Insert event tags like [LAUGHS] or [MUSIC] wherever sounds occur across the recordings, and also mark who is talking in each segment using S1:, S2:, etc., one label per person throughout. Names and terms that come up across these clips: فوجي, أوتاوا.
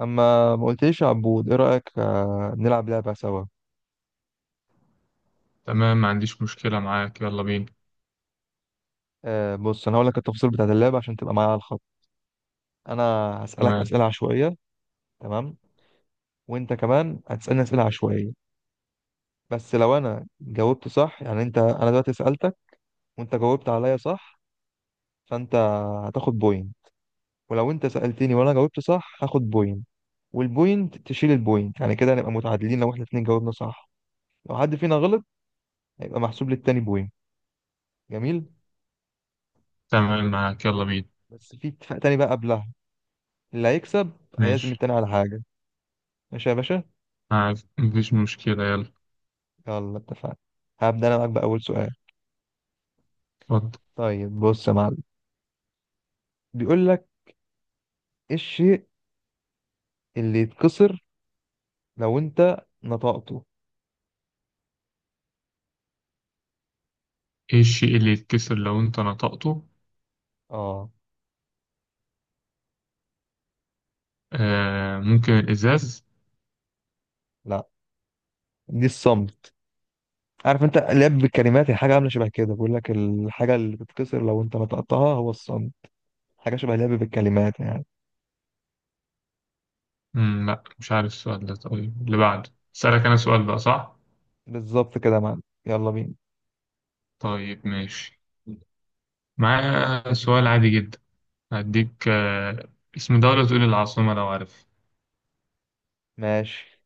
S1: اما ما قلتليش يا عبود ايه رايك، نلعب لعبه سوا؟
S2: تمام، ما عنديش مشكلة معاك، يلا بينا.
S1: بص انا هقول لك التفاصيل بتاعه اللعبه عشان تبقى معايا على الخط. انا هسالك
S2: تمام.
S1: اسئله عشوائيه. تمام. وانت كمان هتسالني اسئله عشوائيه. بس لو انا جاوبت صح، يعني انا دلوقتي سالتك وانت جاوبت عليا صح، فانت هتاخد بوينت. ولو انت سالتني وانا جاوبت صح هاخد بوينت، والبوينت تشيل البوينت، يعني كده نبقى متعادلين لو احنا الاتنين جاوبنا صح. لو حد فينا غلط هيبقى محسوب للتاني بوينت. جميل.
S2: تمام، معاك، يلا بينا.
S1: بس في اتفاق تاني بقى قبلها، اللي هيكسب هيعزم
S2: ماشي.
S1: التاني على حاجة. ماشي يا باشا.
S2: معاك، مفيش مشكلة، يلا.
S1: يلا اتفقنا. هبدأ أنا معاك بأول سؤال.
S2: اتفضل.
S1: طيب بص يا معلم، بيقول لك إيه الشيء اللي يتكسر لو أنت نطقته؟
S2: ايه الشيء اللي يتكسر لو انت نطقته؟
S1: آه.
S2: آه، ممكن الإزاز.
S1: لا، دي الصمت. عارف أنت لعب بالكلمات، هي حاجة عاملة شبه كده. بيقول لك الحاجة اللي بتتكسر لو أنت نطقتها هو الصمت، حاجة شبه لعب بالكلمات يعني.
S2: لا، مش عارف السؤال ده. طيب، اللي بعده سألك أنا سؤال بقى، صح؟
S1: بالظبط كده يا معلم، يلا بينا.
S2: طيب ماشي. معايا سؤال عادي جدا. هديك اسم دولة تقول العاصمة لو عارف.
S1: ماشي.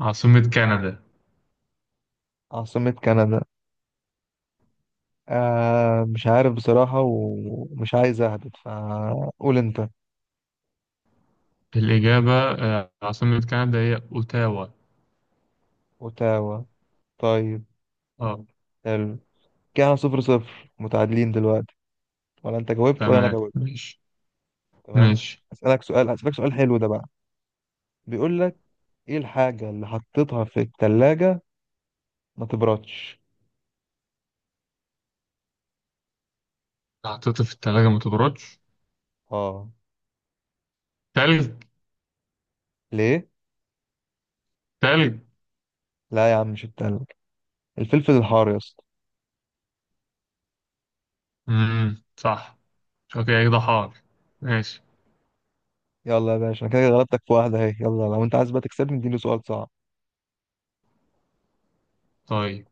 S2: عاصمة كندا.
S1: عاصمة كندا، آه مش عارف بصراحة ومش عايز أهبط، فقول أنت.
S2: الإجابة عاصمة كندا هي أوتاوا.
S1: أوتاوا. طيب.
S2: اه.
S1: حلو. كده احنا 0-0 متعادلين دلوقتي، ولا انت جاوبت ولا انا
S2: تمام
S1: جاوبت.
S2: ماشي.
S1: تمام.
S2: ماشي.
S1: اسالك سؤال هسالك سؤال حلو ده بقى، بيقول لك ايه الحاجه اللي حطيتها في الثلاجه ما تبردش؟
S2: حطيته في التلاجة ما تبردش.
S1: اه.
S2: تلج.
S1: ليه؟
S2: تلج.
S1: لا يا عم، مش التلج. الفلفل الحار يا اسطى.
S2: صح. اوكي، ده حار. ماشي.
S1: يلا يا باشا، انا كده غلبتك في واحده اهي، يلا لو انت عايز بقى تكسبني اديني سؤال صعب.
S2: طيب،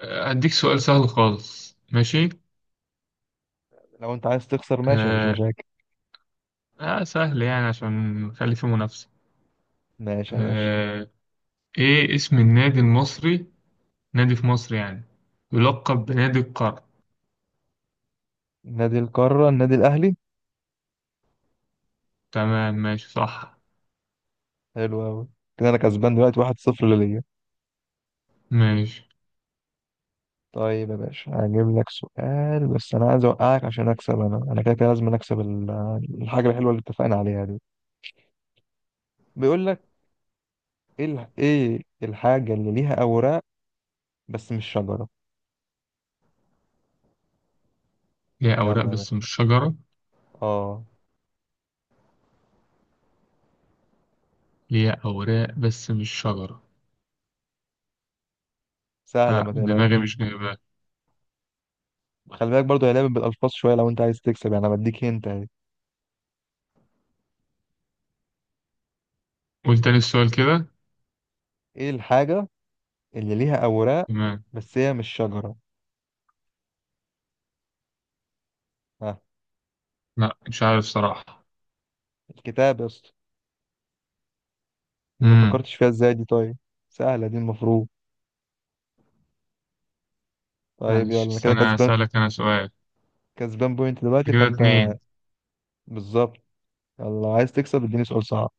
S2: هديك سؤال سهل خالص، ماشي.
S1: لو انت عايز تخسر ماشي مفيش
S2: آه,
S1: مشاكل.
S2: آه، سهل يعني عشان نخلي فيه منافسة.
S1: ماشي يا باشا.
S2: آه. ايه اسم النادي المصري، نادي في مصر يعني، يلقب بنادي القرن؟
S1: نادي القاره، النادي الاهلي.
S2: تمام ماشي، صح.
S1: حلو قوي. كده انا كسبان دلوقتي 1-0 ليا.
S2: ماشي.
S1: طيب يا باشا هجيب لك سؤال، بس انا عايز اوقعك عشان اكسب، انا كده كده لازم اكسب الحاجه الحلوه اللي اتفقنا عليها دي. بيقول لك ايه الحاجه اللي ليها اوراق بس مش شجره.
S2: ليها أوراق
S1: يلا يا
S2: بس
S1: باشا.
S2: مش شجرة.
S1: اه.
S2: ليها أوراق بس مش شجرة.
S1: سهله
S2: آه،
S1: ما
S2: دماغي
S1: تقلقش.
S2: مش جايبها.
S1: خلي بالك برضه هي لعبه بالالفاظ شويه، لو انت عايز تكسب يعني انا بديك هنت اهي.
S2: قول تاني السؤال كده.
S1: ايه الحاجه اللي ليها اوراق
S2: تمام.
S1: بس هي مش شجره؟ ها.
S2: لا، مش عارف صراحة.
S1: الكتاب يا اسطى. إيه، ما
S2: امم
S1: فكرتش فيها ازاي دي؟ طيب، سهله دي المفروض. طيب يلا
S2: معلش
S1: انا كده
S2: استنى
S1: كسبان
S2: أسألك أنا سؤال.
S1: كسبان بوينت دلوقتي
S2: أنت كده
S1: فانت.
S2: اتنين.
S1: بالظبط. يلا عايز تكسب اديني سؤال صعب.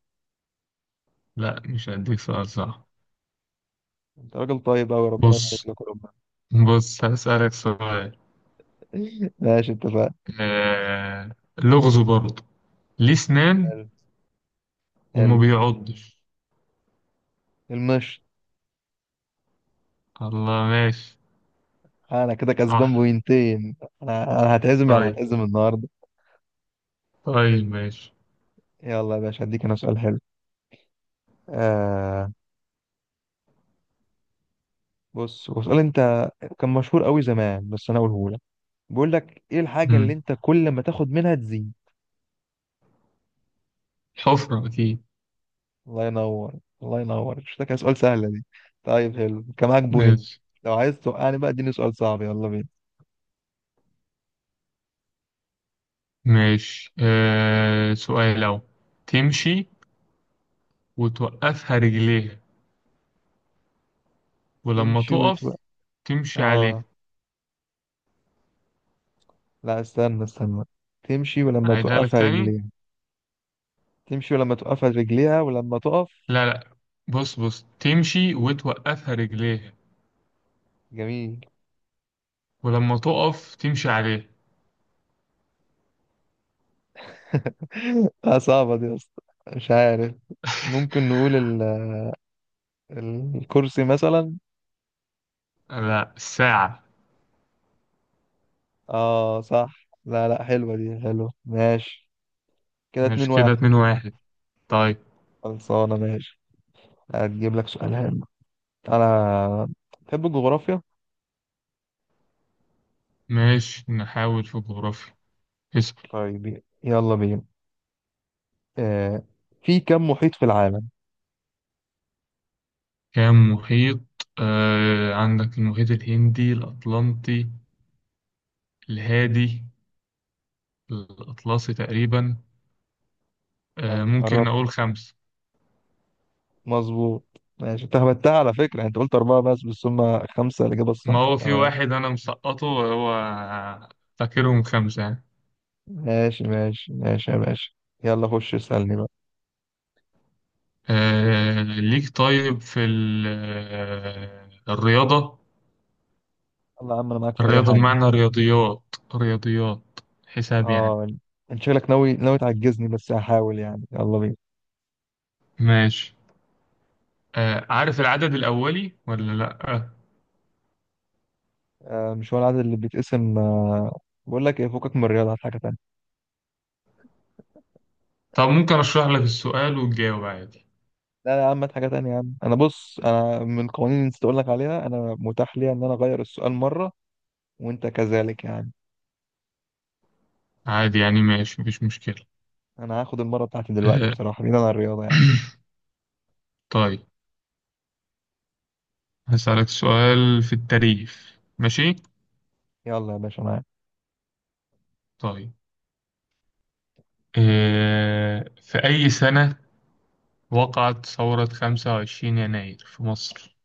S2: لا، مش هديك سؤال، صح.
S1: انت راجل طيب قوي، ربنا يبارك
S2: بص
S1: لك وربنا.
S2: بص هسألك سؤال.
S1: [LAUGHS] ماشي اتفقنا.
S2: لغز برضه. ليه سنان
S1: حلو.
S2: وما
S1: حلو.
S2: بيعضش؟
S1: المشط.
S2: الله، ماشي.
S1: انا كده كسبان
S2: صح.
S1: 2 بوينت. انا هتعزم يعني
S2: طيب.
S1: هتعزم النهارده.
S2: طيب ماشي.
S1: يلا يا باشا هديك انا سؤال حلو. آه بص هو سؤال، انت كان مشهور قوي زمان بس انا اقوله لك. بيقول لك ايه الحاجه اللي
S2: مم.
S1: انت كل ما تاخد منها تزيد؟
S2: حفرة أكيد.
S1: الله ينور. الله ينور، مش ده كان سؤال سهله دي؟ طيب حلو، كان معاك بوينت.
S2: ماشي
S1: لو عايز توقعني بقى اديني سؤال صعب، يلا بينا.
S2: ماشي. سؤال. لو تمشي وتوقفها رجليها ولما
S1: تمشي وتوقع.
S2: تقف تمشي
S1: اه.
S2: عليها.
S1: لا، استنى استنى. تمشي ولما
S2: أعيدها لك
S1: توقفها
S2: تاني.
S1: رجليها. تمشي ولما توقفها رجليها ولما تقف.
S2: لا لا، بص تمشي وتوقفها رجليه
S1: جميل.
S2: ولما تقف تمشي عليه.
S1: [LAUGHS] لا، صعبة دي اصلا. مش عارف. ممكن
S2: [LAUGHS]
S1: نقول الكرسي مثلا.
S2: لا، الساعة.
S1: اه صح، لا لا، حلوة دي حلوة، ماشي. كده 2
S2: ماشي، كده
S1: 1.
S2: اتنين واحد. طيب
S1: خلصانة ماشي. هتجيب لك سؤال حلو. انا بحب الجغرافيا.
S2: ماشي، نحاول في الجغرافيا. اسأل.
S1: طيب يلا بينا. آه. في كم محيط في العالم؟
S2: كام محيط؟ آه، عندك المحيط الهندي، الأطلنطي، الهادي، الأطلسي تقريبا. آه،
S1: ها
S2: ممكن
S1: قربت.
S2: أقول خمسة.
S1: مظبوط. ماشي، انت هبتها على فكرة، يعني انت قلت أربعة بس هما خمسة، الإجابة
S2: ما
S1: الصح.
S2: هو في
S1: تمام.
S2: واحد أنا مسقطه وهو فاكرهم خمسة يعني.
S1: ماشي ماشي ماشي يا باشا. يلا خش اسألني بقى.
S2: آه، ليك. طيب في الرياضة.
S1: يلا يا عم، أنا معاك في أي
S2: الرياضة
S1: حاجة.
S2: بمعنى رياضيات. رياضيات، حساب يعني.
S1: اه. انت شكلك ناوي ناوي تعجزني، بس هحاول يعني، يلا بينا.
S2: ماشي. آه، عارف العدد الأولي ولا لأ؟
S1: مش هو العدد اللي بيتقسم، بقول لك ايه، فوقك من الرياضة هات حاجة تانية.
S2: طب ممكن أشرح لك السؤال وتجاوب عادي.
S1: لا لا يا عم، هات حاجة تانية يا عم، أنا بص، أنا من القوانين اللي نسيت أقول لك عليها، أنا متاح لي إن أنا أغير السؤال مرة، وأنت كذلك يعني.
S2: عادي يعني، ماشي مفيش مشكلة.
S1: أنا هاخد المرة بتاعتي دلوقتي
S2: آه.
S1: بصراحة، بعيدا عن الرياضة يعني.
S2: [CLEARS THROAT] طيب، هسألك سؤال في التاريخ، ماشي؟
S1: يلا يا باشا معاك.
S2: طيب. آه، في أي سنة وقعت ثورة 25 يناير في مصر؟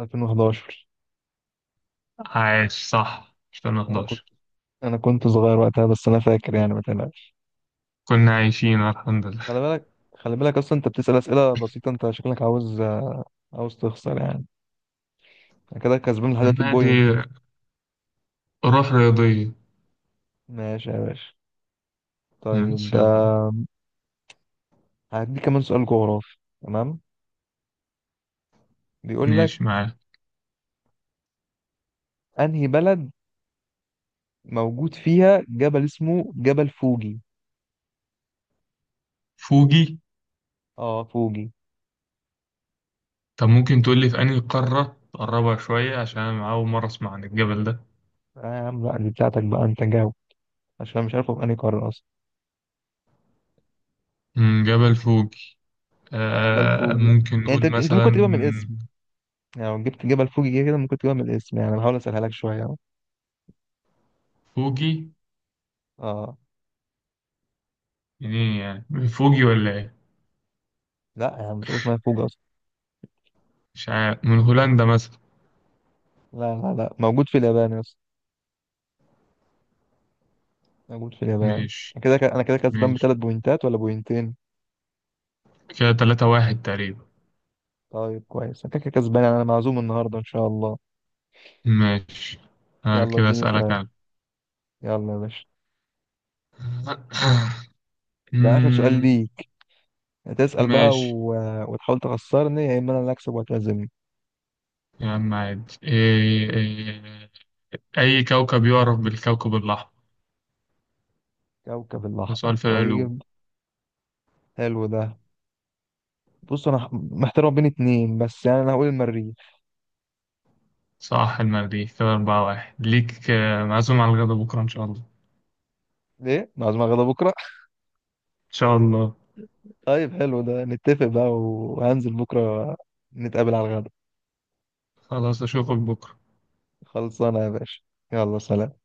S1: 2011.
S2: عاش، صح
S1: أنا كنت
S2: 2011.
S1: انا كنت صغير وقتها، بس انا فاكر يعني ما تقلقش.
S2: كنا عايشين الحمد لله.
S1: خلي بالك، خلي بالك اصلا انت بتسأل اسئله بسيطه، انت شكلك عاوز تخسر يعني. أنا كده كسبان لحد
S2: أما
S1: البوينت.
S2: عادي، روح رياضية.
S1: ماشي يا باشا. طيب.
S2: ماشي يلا.
S1: هديك كمان سؤال جغرافي. تمام، بيقول لك
S2: ماشي معاك.
S1: انهي بلد موجود فيها جبل اسمه جبل فوجي؟
S2: فوجي.
S1: اه فوجي.
S2: طب ممكن تقول لي في أنهي قارة؟ تقربها شوية عشان أنا أول مرة أسمع عن الجبل ده.
S1: آه يا عم، لا دي بتاعتك بقى، انت جاوب، عشان أنا مش عارفه في انهي قاره اصلا.
S2: مم، جبل فوجي.
S1: جبل
S2: آه
S1: فوجي،
S2: ممكن
S1: يعني
S2: نقول
S1: انت
S2: مثلا
S1: ممكن تجيبها من الاسم، يعني لو جبت جبل فوجي كده ممكن تجيبها من الاسم، يعني أنا بحاول اسهلها لك شويه أهو.
S2: فوجي.
S1: اه.
S2: منين يعني؟ من فوجي ولا إيه؟
S1: لا يعني مش اسمها فوج اصلا.
S2: مش عارف، من هولندا مثلا.
S1: لا لا لا، موجود في اليابان يا اسطى. موجود في اليابان.
S2: ماشي.
S1: انا كده كسبان
S2: ماشي،
S1: بـ3 بوينتات ولا 2 بوينت.
S2: كده تلاتة واحد تقريبا.
S1: طيب كويس، انا كده كده كسبان يعني، انا معزوم النهارده ان شاء الله.
S2: ماشي. آه،
S1: يلا
S2: كده
S1: اديني
S2: أسألك
S1: سؤال.
S2: أنا.
S1: يلا يا باشا.
S2: [COUGHS]
S1: ده اخر سؤال
S2: مم،
S1: ليك، هتسأل بقى
S2: ماشي.
S1: وتحاول تخسرني، يا اما انا اللي اكسب وتعزمني.
S2: يا عم عادي، إيه إيه. أي كوكب يعرف بالكوكب الأحمر؟
S1: كوكب
S2: ده
S1: الاحمر،
S2: سؤال في العلوم.
S1: طيب. حلو ده. بص انا محتار ما بين اتنين بس، يعني انا هقول المريخ.
S2: صح، المريخ، كده أربعة واحد ليك. آه، معزوم على الغدا بكرة إن شاء الله.
S1: ليه معزوم على غدا بكره؟
S2: إن شاء الله.
S1: [LAUGHS] طيب حلو ده، نتفق بقى وهنزل بكره نتقابل على الغدا.
S2: خلاص، أشوفك بكرة.
S1: خلصانة يا باشا. يلا سلام.